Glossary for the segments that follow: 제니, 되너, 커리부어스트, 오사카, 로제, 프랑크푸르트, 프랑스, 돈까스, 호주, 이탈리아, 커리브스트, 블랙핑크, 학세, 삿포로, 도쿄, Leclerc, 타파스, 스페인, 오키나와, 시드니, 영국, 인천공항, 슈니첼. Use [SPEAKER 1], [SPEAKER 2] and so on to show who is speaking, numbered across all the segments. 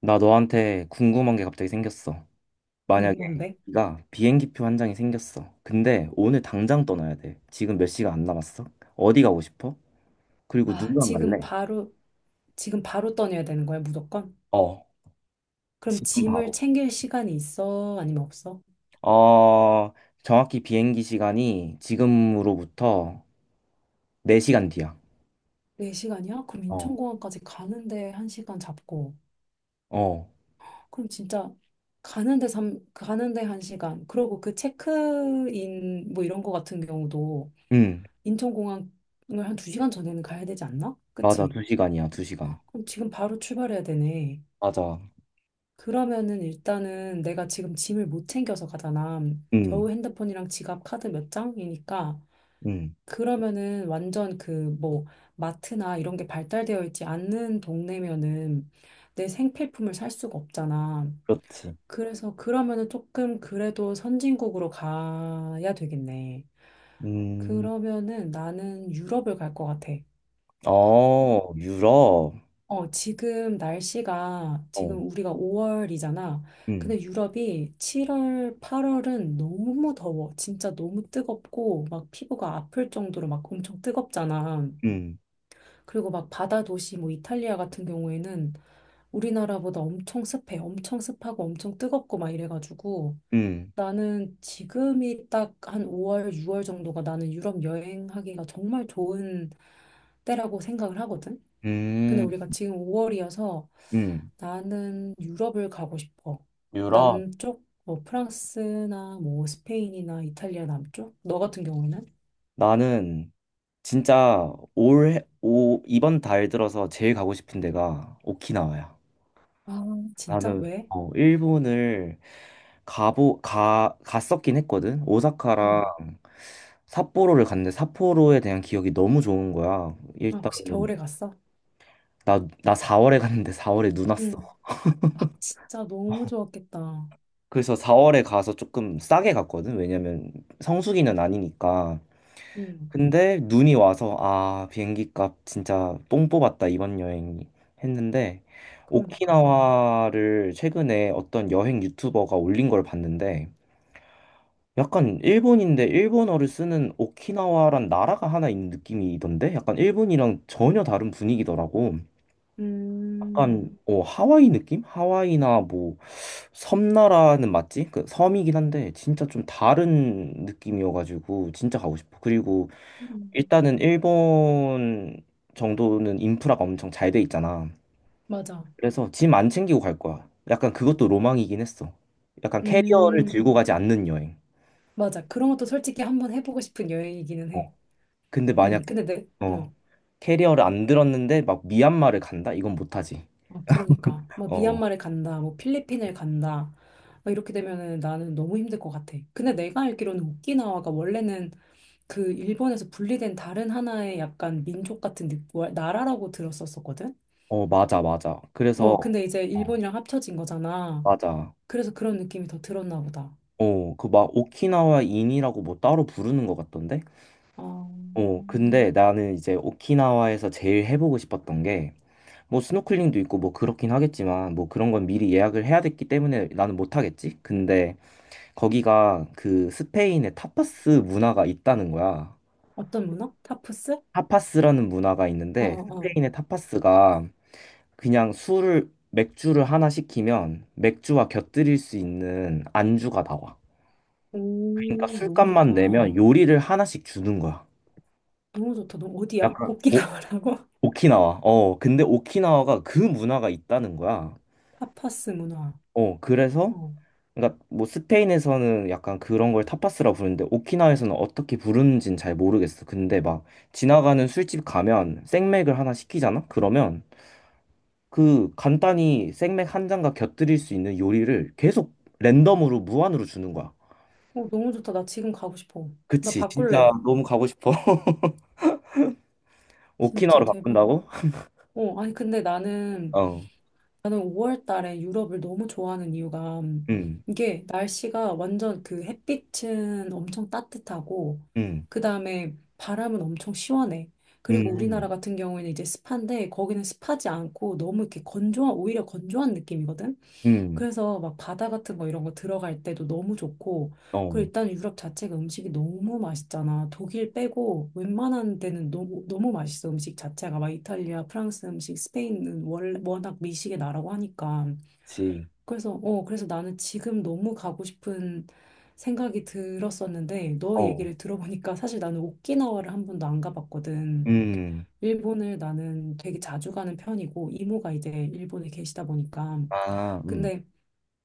[SPEAKER 1] 나 너한테 궁금한 게 갑자기 생겼어. 만약에
[SPEAKER 2] 응, 뭔데?
[SPEAKER 1] 네가 비행기표 한 장이 생겼어. 근데 오늘 당장 떠나야 돼. 지금 몇 시간 안 남았어? 어디 가고 싶어? 그리고
[SPEAKER 2] 아,
[SPEAKER 1] 누구랑 갈래?
[SPEAKER 2] 지금 바로 떠내야 되는 거야, 무조건?
[SPEAKER 1] 어,
[SPEAKER 2] 그럼
[SPEAKER 1] 지금
[SPEAKER 2] 짐을
[SPEAKER 1] 바로.
[SPEAKER 2] 챙길 시간이 있어? 아니면 없어?
[SPEAKER 1] 어, 정확히 비행기 시간이 지금으로부터 4시간 뒤야.
[SPEAKER 2] 네시간이야. 그럼
[SPEAKER 1] 어.
[SPEAKER 2] 인천공항까지 가는데 한시간 잡고.
[SPEAKER 1] 어,
[SPEAKER 2] 그럼 진짜 가는데 한시간, 그리고 그 체크인 뭐 이런 거 같은 경우도
[SPEAKER 1] 응,
[SPEAKER 2] 인천공항을 한 두시간 전에는 가야 되지 않나?
[SPEAKER 1] 맞아.
[SPEAKER 2] 그치?
[SPEAKER 1] 2시간이야, 2시간.
[SPEAKER 2] 그럼 지금 바로 출발해야 되네.
[SPEAKER 1] 맞아.
[SPEAKER 2] 그러면은 일단은 내가 지금 짐을 못 챙겨서 가잖아.
[SPEAKER 1] 응,
[SPEAKER 2] 겨우 핸드폰이랑 지갑, 카드 몇 장이니까.
[SPEAKER 1] 응,
[SPEAKER 2] 그러면은 완전 그 뭐 마트나 이런 게 발달되어 있지 않는 동네면은 내 생필품을 살 수가 없잖아.
[SPEAKER 1] 그렇지.
[SPEAKER 2] 그래서 그러면은 조금 그래도 선진국으로 가야 되겠네.
[SPEAKER 1] 음,
[SPEAKER 2] 그러면은 나는 유럽을 갈 것 같아.
[SPEAKER 1] 어, 유럽.
[SPEAKER 2] 어, 지금 날씨가,
[SPEAKER 1] 어,
[SPEAKER 2] 지금 우리가 5월이잖아.
[SPEAKER 1] 응,
[SPEAKER 2] 근데 유럽이 7월, 8월은 너무 더워. 진짜 너무 뜨겁고, 막 피부가 아플 정도로 막 엄청 뜨겁잖아.
[SPEAKER 1] 응,
[SPEAKER 2] 그리고 막 바다 도시, 뭐 이탈리아 같은 경우에는 우리나라보다 엄청 습해. 엄청 습하고 엄청 뜨겁고 막 이래가지고
[SPEAKER 1] 응.
[SPEAKER 2] 나는 지금이 딱 한 5월, 6월 정도가 나는 유럽 여행하기가 정말 좋은 때라고 생각을 하거든. 근데
[SPEAKER 1] 음,
[SPEAKER 2] 우리가 지금 5월이어서
[SPEAKER 1] 음.
[SPEAKER 2] 나는 유럽을 가고 싶어.
[SPEAKER 1] 유럽.
[SPEAKER 2] 남쪽, 뭐 프랑스나 뭐 스페인이나 이탈리아 남쪽? 너 같은 경우에는?
[SPEAKER 1] 나는 진짜 이번 달 들어서 제일 가고 싶은 데가 오키나와야.
[SPEAKER 2] 아, 진짜?
[SPEAKER 1] 나는
[SPEAKER 2] 왜?
[SPEAKER 1] 일본을 갔었긴 했거든.
[SPEAKER 2] 응.
[SPEAKER 1] 오사카랑 삿포로를 갔는데 삿포로에 대한 기억이 너무 좋은 거야.
[SPEAKER 2] 아, 혹시
[SPEAKER 1] 일단은
[SPEAKER 2] 겨울에 갔어?
[SPEAKER 1] 나 4월에 갔는데 4월에 눈 왔어.
[SPEAKER 2] 응. 아, 진짜 너무 좋았겠다.
[SPEAKER 1] 그래서 4월에 가서 조금 싸게 갔거든. 왜냐면 성수기는 아니니까.
[SPEAKER 2] 응.
[SPEAKER 1] 근데 눈이 와서 아, 비행기 값 진짜 뽕 뽑았다 이번 여행이 했는데,
[SPEAKER 2] 그러니까.
[SPEAKER 1] 오키나와를 최근에 어떤 여행 유튜버가 올린 걸 봤는데 약간 일본인데 일본어를 쓰는 오키나와란 나라가 하나 있는 느낌이던데, 약간 일본이랑 전혀 다른 분위기더라고.
[SPEAKER 2] 음,
[SPEAKER 1] 약간 어, 하와이 느낌? 하와이나 뭐 섬나라는 맞지? 그 섬이긴 한데 진짜 좀 다른 느낌이어가지고 진짜 가고 싶어. 그리고
[SPEAKER 2] 음.
[SPEAKER 1] 일단은 일본 정도는 인프라가 엄청 잘 돼 있잖아.
[SPEAKER 2] 맞아.
[SPEAKER 1] 그래서 짐 안 챙기고 갈 거야. 약간 그것도 로망이긴 했어. 약간 캐리어를
[SPEAKER 2] 음,
[SPEAKER 1] 들고 가지 않는 여행.
[SPEAKER 2] 맞아. 그런 것도 솔직히 한번 해보고 싶은 여행이기는
[SPEAKER 1] 어.
[SPEAKER 2] 해.
[SPEAKER 1] 근데
[SPEAKER 2] 응.
[SPEAKER 1] 만약
[SPEAKER 2] 근데 내,
[SPEAKER 1] 어,
[SPEAKER 2] 어.
[SPEAKER 1] 캐리어를 안 들었는데 막 미얀마를 간다? 이건 못하지.
[SPEAKER 2] 아, 그러니까. 막
[SPEAKER 1] 어,
[SPEAKER 2] 미얀마를 간다, 뭐 필리핀을 간다. 막 이렇게 되면은 나는 너무 힘들 것 같아. 근데 내가 알기로는 오키나와가 원래는 그 일본에서 분리된 다른 하나의 약간 민족 같은 뭐, 나라라고 들었었거든?
[SPEAKER 1] 어, 맞아, 맞아. 그래서
[SPEAKER 2] 어, 근데 이제
[SPEAKER 1] 어,
[SPEAKER 2] 일본이랑 합쳐진 거잖아.
[SPEAKER 1] 맞아.
[SPEAKER 2] 그래서 그런 느낌이 더 들었나 보다.
[SPEAKER 1] 그 막 오키나와 인이라고 뭐 따로 부르는 것 같던데?
[SPEAKER 2] 어,
[SPEAKER 1] 근데 나는 이제 오키나와에서 제일 해보고 싶었던 게 뭐 스노클링도 있고 뭐 그렇긴 하겠지만 뭐 그런 건 미리 예약을 해야 됐기 때문에 나는 못 하겠지. 근데 거기가 그 스페인의 타파스 문화가 있다는 거야.
[SPEAKER 2] 어떤 문화? 타프스?
[SPEAKER 1] 타파스라는 문화가
[SPEAKER 2] 어,
[SPEAKER 1] 있는데
[SPEAKER 2] 어, 어.
[SPEAKER 1] 스페인의 타파스가 그냥 술을 맥주를 하나 시키면 맥주와 곁들일 수 있는 안주가 나와. 그러니까
[SPEAKER 2] 오, 너무
[SPEAKER 1] 술값만
[SPEAKER 2] 좋다.
[SPEAKER 1] 내면 요리를 하나씩 주는 거야.
[SPEAKER 2] 너무 좋다. 너 어디야?
[SPEAKER 1] 약간
[SPEAKER 2] 오키나와라고?
[SPEAKER 1] 오키나와. 근데 오키나와가 그 문화가 있다는 거야.
[SPEAKER 2] 타파스 문화.
[SPEAKER 1] 어, 그래서
[SPEAKER 2] 어.
[SPEAKER 1] 그러니까 뭐 스페인에서는 약간 그런 걸 타파스라 부르는데 오키나와에서는 어떻게 부르는지는 잘 모르겠어. 근데 막 지나가는 술집 가면 생맥을 하나 시키잖아? 그러면 그 간단히 생맥 한 잔과 곁들일 수 있는 요리를 계속 랜덤으로 무한으로 주는 거야.
[SPEAKER 2] 어, 너무 좋다. 나 지금 가고 싶어. 나
[SPEAKER 1] 그치. 진짜
[SPEAKER 2] 바꿀래.
[SPEAKER 1] 너무 가고 싶어. 오키나와로
[SPEAKER 2] 진짜 대박이다.
[SPEAKER 1] 바꾼다고?
[SPEAKER 2] 어, 아니,
[SPEAKER 1] 어.
[SPEAKER 2] 나는 5월 달에 유럽을 너무 좋아하는 이유가,
[SPEAKER 1] 음.
[SPEAKER 2] 이게 날씨가 완전 그 햇빛은 엄청 따뜻하고,
[SPEAKER 1] 음.
[SPEAKER 2] 그 다음에 바람은 엄청 시원해. 그리고 우리나라
[SPEAKER 1] 음.
[SPEAKER 2] 같은 경우에는 이제 습한데, 거기는 습하지 않고 너무 이렇게 건조한, 오히려 건조한 느낌이거든?
[SPEAKER 1] 음.
[SPEAKER 2] 그래서 막 바다 같은 거 이런 거 들어갈 때도 너무 좋고,
[SPEAKER 1] 어.
[SPEAKER 2] 그리고 일단 유럽 자체가 음식이 너무 맛있잖아. 독일 빼고 웬만한 데는 너무, 너무 맛있어. 음식 자체가 막 이탈리아, 프랑스 음식, 스페인은 워낙 미식의 나라고 하니까.
[SPEAKER 1] 그치.
[SPEAKER 2] 그래서 나는 지금 너무 가고 싶은 생각이 들었었는데, 너
[SPEAKER 1] 어.
[SPEAKER 2] 얘기를 들어보니까 사실 나는 오키나와를 한 번도 안 가봤거든.
[SPEAKER 1] 음.
[SPEAKER 2] 일본을 나는 되게 자주 가는 편이고, 이모가 이제 일본에 계시다 보니까.
[SPEAKER 1] 아,
[SPEAKER 2] 근데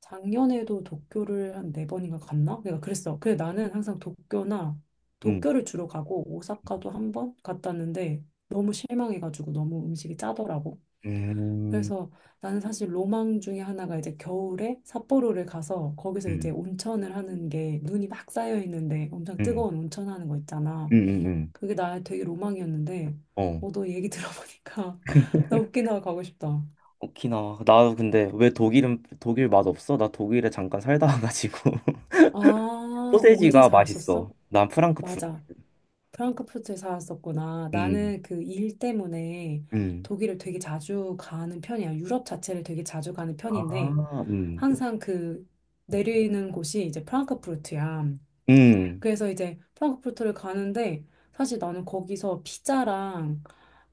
[SPEAKER 2] 작년에도 도쿄를 한 네 번인가 갔나? 내가 그랬어. 그래 나는 항상 도쿄나
[SPEAKER 1] 음.
[SPEAKER 2] 도쿄를 주로 가고 오사카도 한 번 갔다 왔는데 너무 실망해가지고 너무 음식이 짜더라고.
[SPEAKER 1] 음.
[SPEAKER 2] 그래서 나는 사실 로망 중에 하나가 이제 겨울에 삿포로를 가서 거기서 이제
[SPEAKER 1] 음.
[SPEAKER 2] 온천을 하는 게, 눈이 막 쌓여 있는데 엄청
[SPEAKER 1] 응,
[SPEAKER 2] 뜨거운 온천 하는 거 있잖아.
[SPEAKER 1] 응, 응, 응.
[SPEAKER 2] 그게 나의 되게 로망이었는데,
[SPEAKER 1] 어.
[SPEAKER 2] 어, 너 얘기 들어보니까 나 오키나와 가고 싶다.
[SPEAKER 1] 오키나와. 나 근데 왜 독일은 독일 맛 없어? 나 독일에 잠깐 살다 와가지고
[SPEAKER 2] 아, 어디
[SPEAKER 1] 소세지가 맛있어.
[SPEAKER 2] 살았었어?
[SPEAKER 1] 난 프랑크푸르트.
[SPEAKER 2] 맞아. 프랑크푸르트에 살았었구나.
[SPEAKER 1] 음,
[SPEAKER 2] 나는 그 일 때문에
[SPEAKER 1] 음,
[SPEAKER 2] 독일을 되게 자주 가는 편이야. 유럽 자체를 되게 자주 가는 편인데
[SPEAKER 1] 아,
[SPEAKER 2] 항상 그 내리는 곳이 이제 프랑크푸르트야.
[SPEAKER 1] 음,
[SPEAKER 2] 그래서 이제 프랑크푸르트를 가는데 사실 나는 거기서 피자랑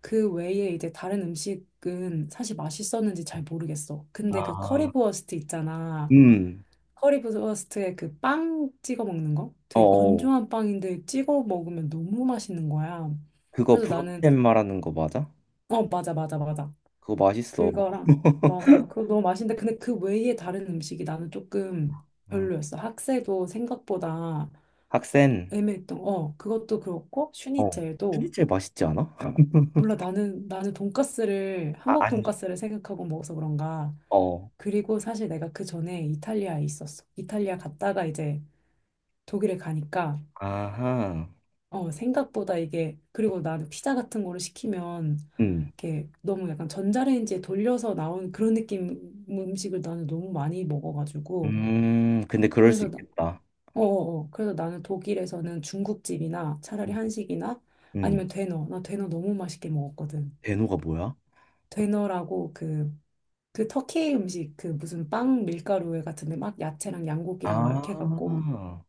[SPEAKER 2] 그 외에 이제 다른 음식은 사실 맛있었는지 잘 모르겠어. 근데 그
[SPEAKER 1] 아,
[SPEAKER 2] 커리부어스트 있잖아.
[SPEAKER 1] 음.
[SPEAKER 2] 커리브스트에 그 빵 찍어 먹는 거?
[SPEAKER 1] 어,
[SPEAKER 2] 되게
[SPEAKER 1] 어.
[SPEAKER 2] 건조한 빵인데 찍어 먹으면 너무 맛있는 거야.
[SPEAKER 1] 그거
[SPEAKER 2] 그래서 나는,
[SPEAKER 1] 브로텐 말하는 거 맞아?
[SPEAKER 2] 어, 맞아 맞아 맞아,
[SPEAKER 1] 그거 맛있어.
[SPEAKER 2] 그거랑. 맞아, 그거 너무 맛있는데, 근데 그 외에 다른 음식이 나는 조금
[SPEAKER 1] 음.
[SPEAKER 2] 별로였어. 학세도 생각보다
[SPEAKER 1] 학생,
[SPEAKER 2] 애매했던, 어, 그것도 그렇고 슈니첼도,
[SPEAKER 1] 슈니첼 맛있지 않아?
[SPEAKER 2] 몰라. 나는 돈까스를,
[SPEAKER 1] 아,
[SPEAKER 2] 한국
[SPEAKER 1] 안
[SPEAKER 2] 돈까스를 생각하고 먹어서 그런가.
[SPEAKER 1] 어.
[SPEAKER 2] 그리고 사실 내가 그 전에 이탈리아에 있었어. 이탈리아 갔다가 이제 독일에 가니까
[SPEAKER 1] 아하.
[SPEAKER 2] 어, 생각보다 이게, 그리고 나는 피자 같은 거를 시키면,
[SPEAKER 1] 음,
[SPEAKER 2] 이렇게 너무 약간 전자레인지에 돌려서 나온 그런 느낌 음식을 나는 너무 많이 먹어가지고.
[SPEAKER 1] 근데 그럴 수
[SPEAKER 2] 그래서, 나,
[SPEAKER 1] 있겠다.
[SPEAKER 2] 어, 어, 어. 그래서 나는 독일에서는 중국집이나
[SPEAKER 1] 음.
[SPEAKER 2] 차라리 한식이나
[SPEAKER 1] 음.
[SPEAKER 2] 아니면 되너. 나 되너 너무 맛있게 먹었거든.
[SPEAKER 1] 대노가 뭐야?
[SPEAKER 2] 되너라고 그, 그 터키 음식, 그 무슨 빵 밀가루에 같은데 막 야채랑 양고기랑 막 이렇게 해갖고,
[SPEAKER 1] 아,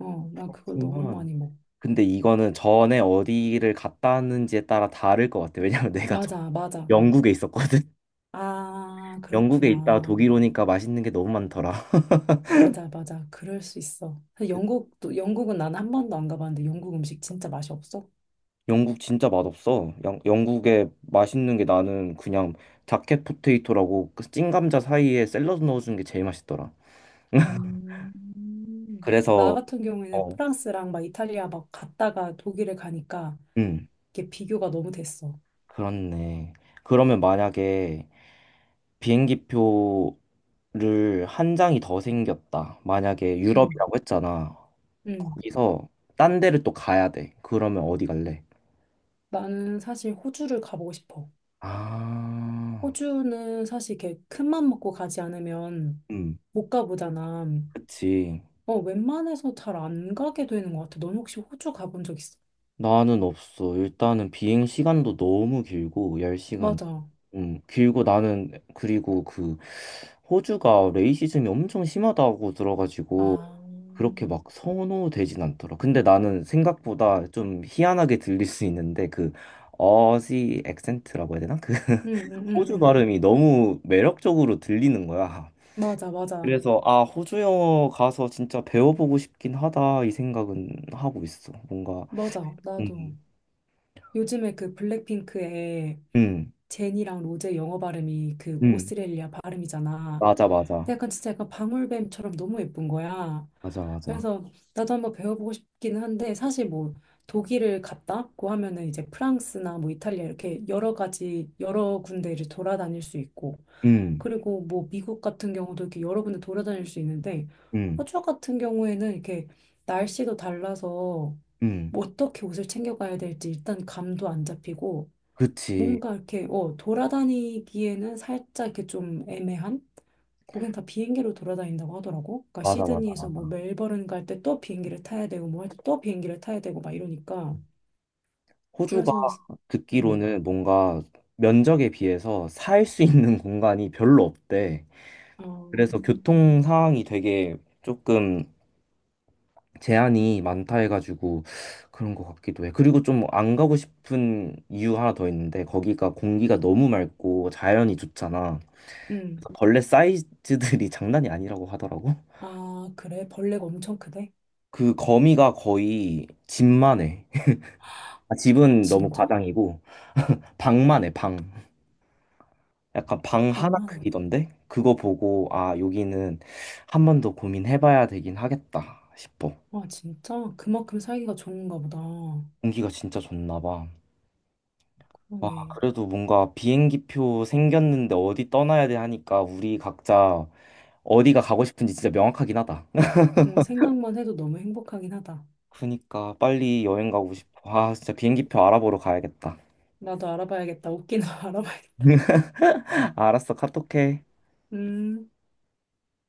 [SPEAKER 2] 어, 나 그걸 너무
[SPEAKER 1] 그렇구만.
[SPEAKER 2] 많이 먹어.
[SPEAKER 1] 근데 이거는 전에 어디를 갔다 왔는지에 따라 다를 것 같아. 왜냐면 내가 저
[SPEAKER 2] 맞아, 맞아.
[SPEAKER 1] 영국에 있었거든.
[SPEAKER 2] 아,
[SPEAKER 1] 영국에 있다
[SPEAKER 2] 그렇구나.
[SPEAKER 1] 독일 오니까 맛있는 게 너무 많더라.
[SPEAKER 2] 맞아, 맞아. 그럴 수 있어. 사실 영국도, 영국은 나는 한 번도 안 가봤는데 영국 음식 진짜 맛이 없어.
[SPEAKER 1] 영국 진짜 맛없어. 영국에 맛있는 게 나는 그냥 자켓 포테이토라고 그 찐감자 사이에 샐러드 넣어주는 게 제일 맛있더라.
[SPEAKER 2] 음. 나
[SPEAKER 1] 그래서
[SPEAKER 2] 같은 경우에는
[SPEAKER 1] 어,
[SPEAKER 2] 프랑스랑 막 이탈리아 막 갔다가 독일에 가니까
[SPEAKER 1] 음,
[SPEAKER 2] 이게 비교가 너무 됐어.
[SPEAKER 1] 그렇네. 그러면 만약에 비행기표 를 한 장이 더 생겼다. 만약에
[SPEAKER 2] 음,
[SPEAKER 1] 유럽이라고 했잖아.
[SPEAKER 2] 음.
[SPEAKER 1] 거기서 딴 데를 또 가야 돼. 그러면 어디 갈래?
[SPEAKER 2] 나는 사실 호주를 가보고 싶어.
[SPEAKER 1] 아,
[SPEAKER 2] 호주는 사실 이렇게 큰맘 먹고 가지 않으면
[SPEAKER 1] 음,
[SPEAKER 2] 못 가보잖아.
[SPEAKER 1] 그치.
[SPEAKER 2] 어, 웬만해서 잘 안 가게 되는 것 같아. 넌 혹시 호주 가본 적 있어?
[SPEAKER 1] 나는 없어. 일단은 비행 시간도 너무 길고, 10시간
[SPEAKER 2] 맞아.
[SPEAKER 1] 길고 나는, 그리고 그, 호주가 레이시즘이 엄청 심하다고 들어가지고,
[SPEAKER 2] 아.
[SPEAKER 1] 그렇게 막 선호되진 않더라. 근데 나는 생각보다 좀 희한하게 들릴 수 있는데, 그, 어지 액센트라고 해야 되나? 그
[SPEAKER 2] 응, 응,
[SPEAKER 1] 호주
[SPEAKER 2] 응,
[SPEAKER 1] 발음이 너무 매력적으로 들리는 거야.
[SPEAKER 2] 맞아, 맞아,
[SPEAKER 1] 그래서 아, 호주 영어 가서 진짜 배워보고 싶긴 하다 이 생각은 하고 있어. 뭔가
[SPEAKER 2] 맞아. 나도
[SPEAKER 1] 음,
[SPEAKER 2] 요즘에 그 블랙핑크의
[SPEAKER 1] 음,
[SPEAKER 2] 제니랑 로제 영어 발음이 그
[SPEAKER 1] 음,
[SPEAKER 2] 오스트레일리아 발음이잖아.
[SPEAKER 1] 맞아,
[SPEAKER 2] 근데
[SPEAKER 1] 맞아,
[SPEAKER 2] 약간 진짜 약간 방울뱀처럼 너무 예쁜 거야.
[SPEAKER 1] 맞아, 맞아,
[SPEAKER 2] 그래서 나도 한번 배워보고 싶긴 한데, 사실 뭐 독일을 갔다 왔고 하면은 이제 프랑스나 뭐 이탈리아 이렇게 여러 가지 여러 군데를 돌아다닐 수 있고,
[SPEAKER 1] 음,
[SPEAKER 2] 그리고 뭐 미국 같은 경우도 이렇게 여러 군데 돌아다닐 수 있는데,
[SPEAKER 1] 음,
[SPEAKER 2] 호주 같은 경우에는 이렇게 날씨도 달라서
[SPEAKER 1] 음,
[SPEAKER 2] 뭐 어떻게 옷을 챙겨가야 될지 일단 감도 안 잡히고,
[SPEAKER 1] 그치,
[SPEAKER 2] 뭔가 이렇게 어 돌아다니기에는 살짝 이렇게 좀 애매한. 거긴 다 비행기로 돌아다닌다고 하더라고. 그러니까
[SPEAKER 1] 맞아, 맞아,
[SPEAKER 2] 시드니에서 뭐
[SPEAKER 1] 맞아.
[SPEAKER 2] 멜버른 갈 때 또 비행기를 타야 되고 뭐 할 때 또 비행기를 타야 되고 막 이러니까
[SPEAKER 1] 호주가
[SPEAKER 2] 그래서. 음.
[SPEAKER 1] 듣기로는 뭔가 면적에 비해서 살 수 있는 공간이 별로 없대.
[SPEAKER 2] 어.
[SPEAKER 1] 그래서 교통 상황이 되게 조금 제한이 많다 해가지고 그런 것 같기도 해. 그리고 좀 안 가고 싶은 이유 하나 더 있는데 거기가 공기가 너무 맑고 자연이 좋잖아.
[SPEAKER 2] 음.
[SPEAKER 1] 그래서 벌레 사이즈들이 장난이 아니라고 하더라고.
[SPEAKER 2] 아, 그래? 벌레가 엄청 크대?
[SPEAKER 1] 그 거미가 거의 집만 해. 아, 집은 너무
[SPEAKER 2] 진짜?
[SPEAKER 1] 과장이고 방만 해, 방. 약간 방 하나
[SPEAKER 2] 방만.
[SPEAKER 1] 크기던데? 그거 보고 아, 여기는 한 번 더 고민해봐야 되긴 하겠다 싶어.
[SPEAKER 2] 와, 진짜? 그만큼 살기가 좋은가 보다.
[SPEAKER 1] 공기가 진짜 좋나 봐. 와,
[SPEAKER 2] 그러네.
[SPEAKER 1] 그래도 뭔가 비행기표 생겼는데 어디 떠나야 돼 하니까 우리 각자 어디가 가고 싶은지 진짜 명확하긴 하다.
[SPEAKER 2] 응, 생각만 해도 너무 행복하긴 하다.
[SPEAKER 1] 그니까 빨리 여행 가고 싶어. 아, 진짜 비행기표 알아보러 가야겠다.
[SPEAKER 2] 나도 알아봐야겠다. 웃기나 알아봐야겠다.
[SPEAKER 1] 알았어, 카톡해.
[SPEAKER 2] 음.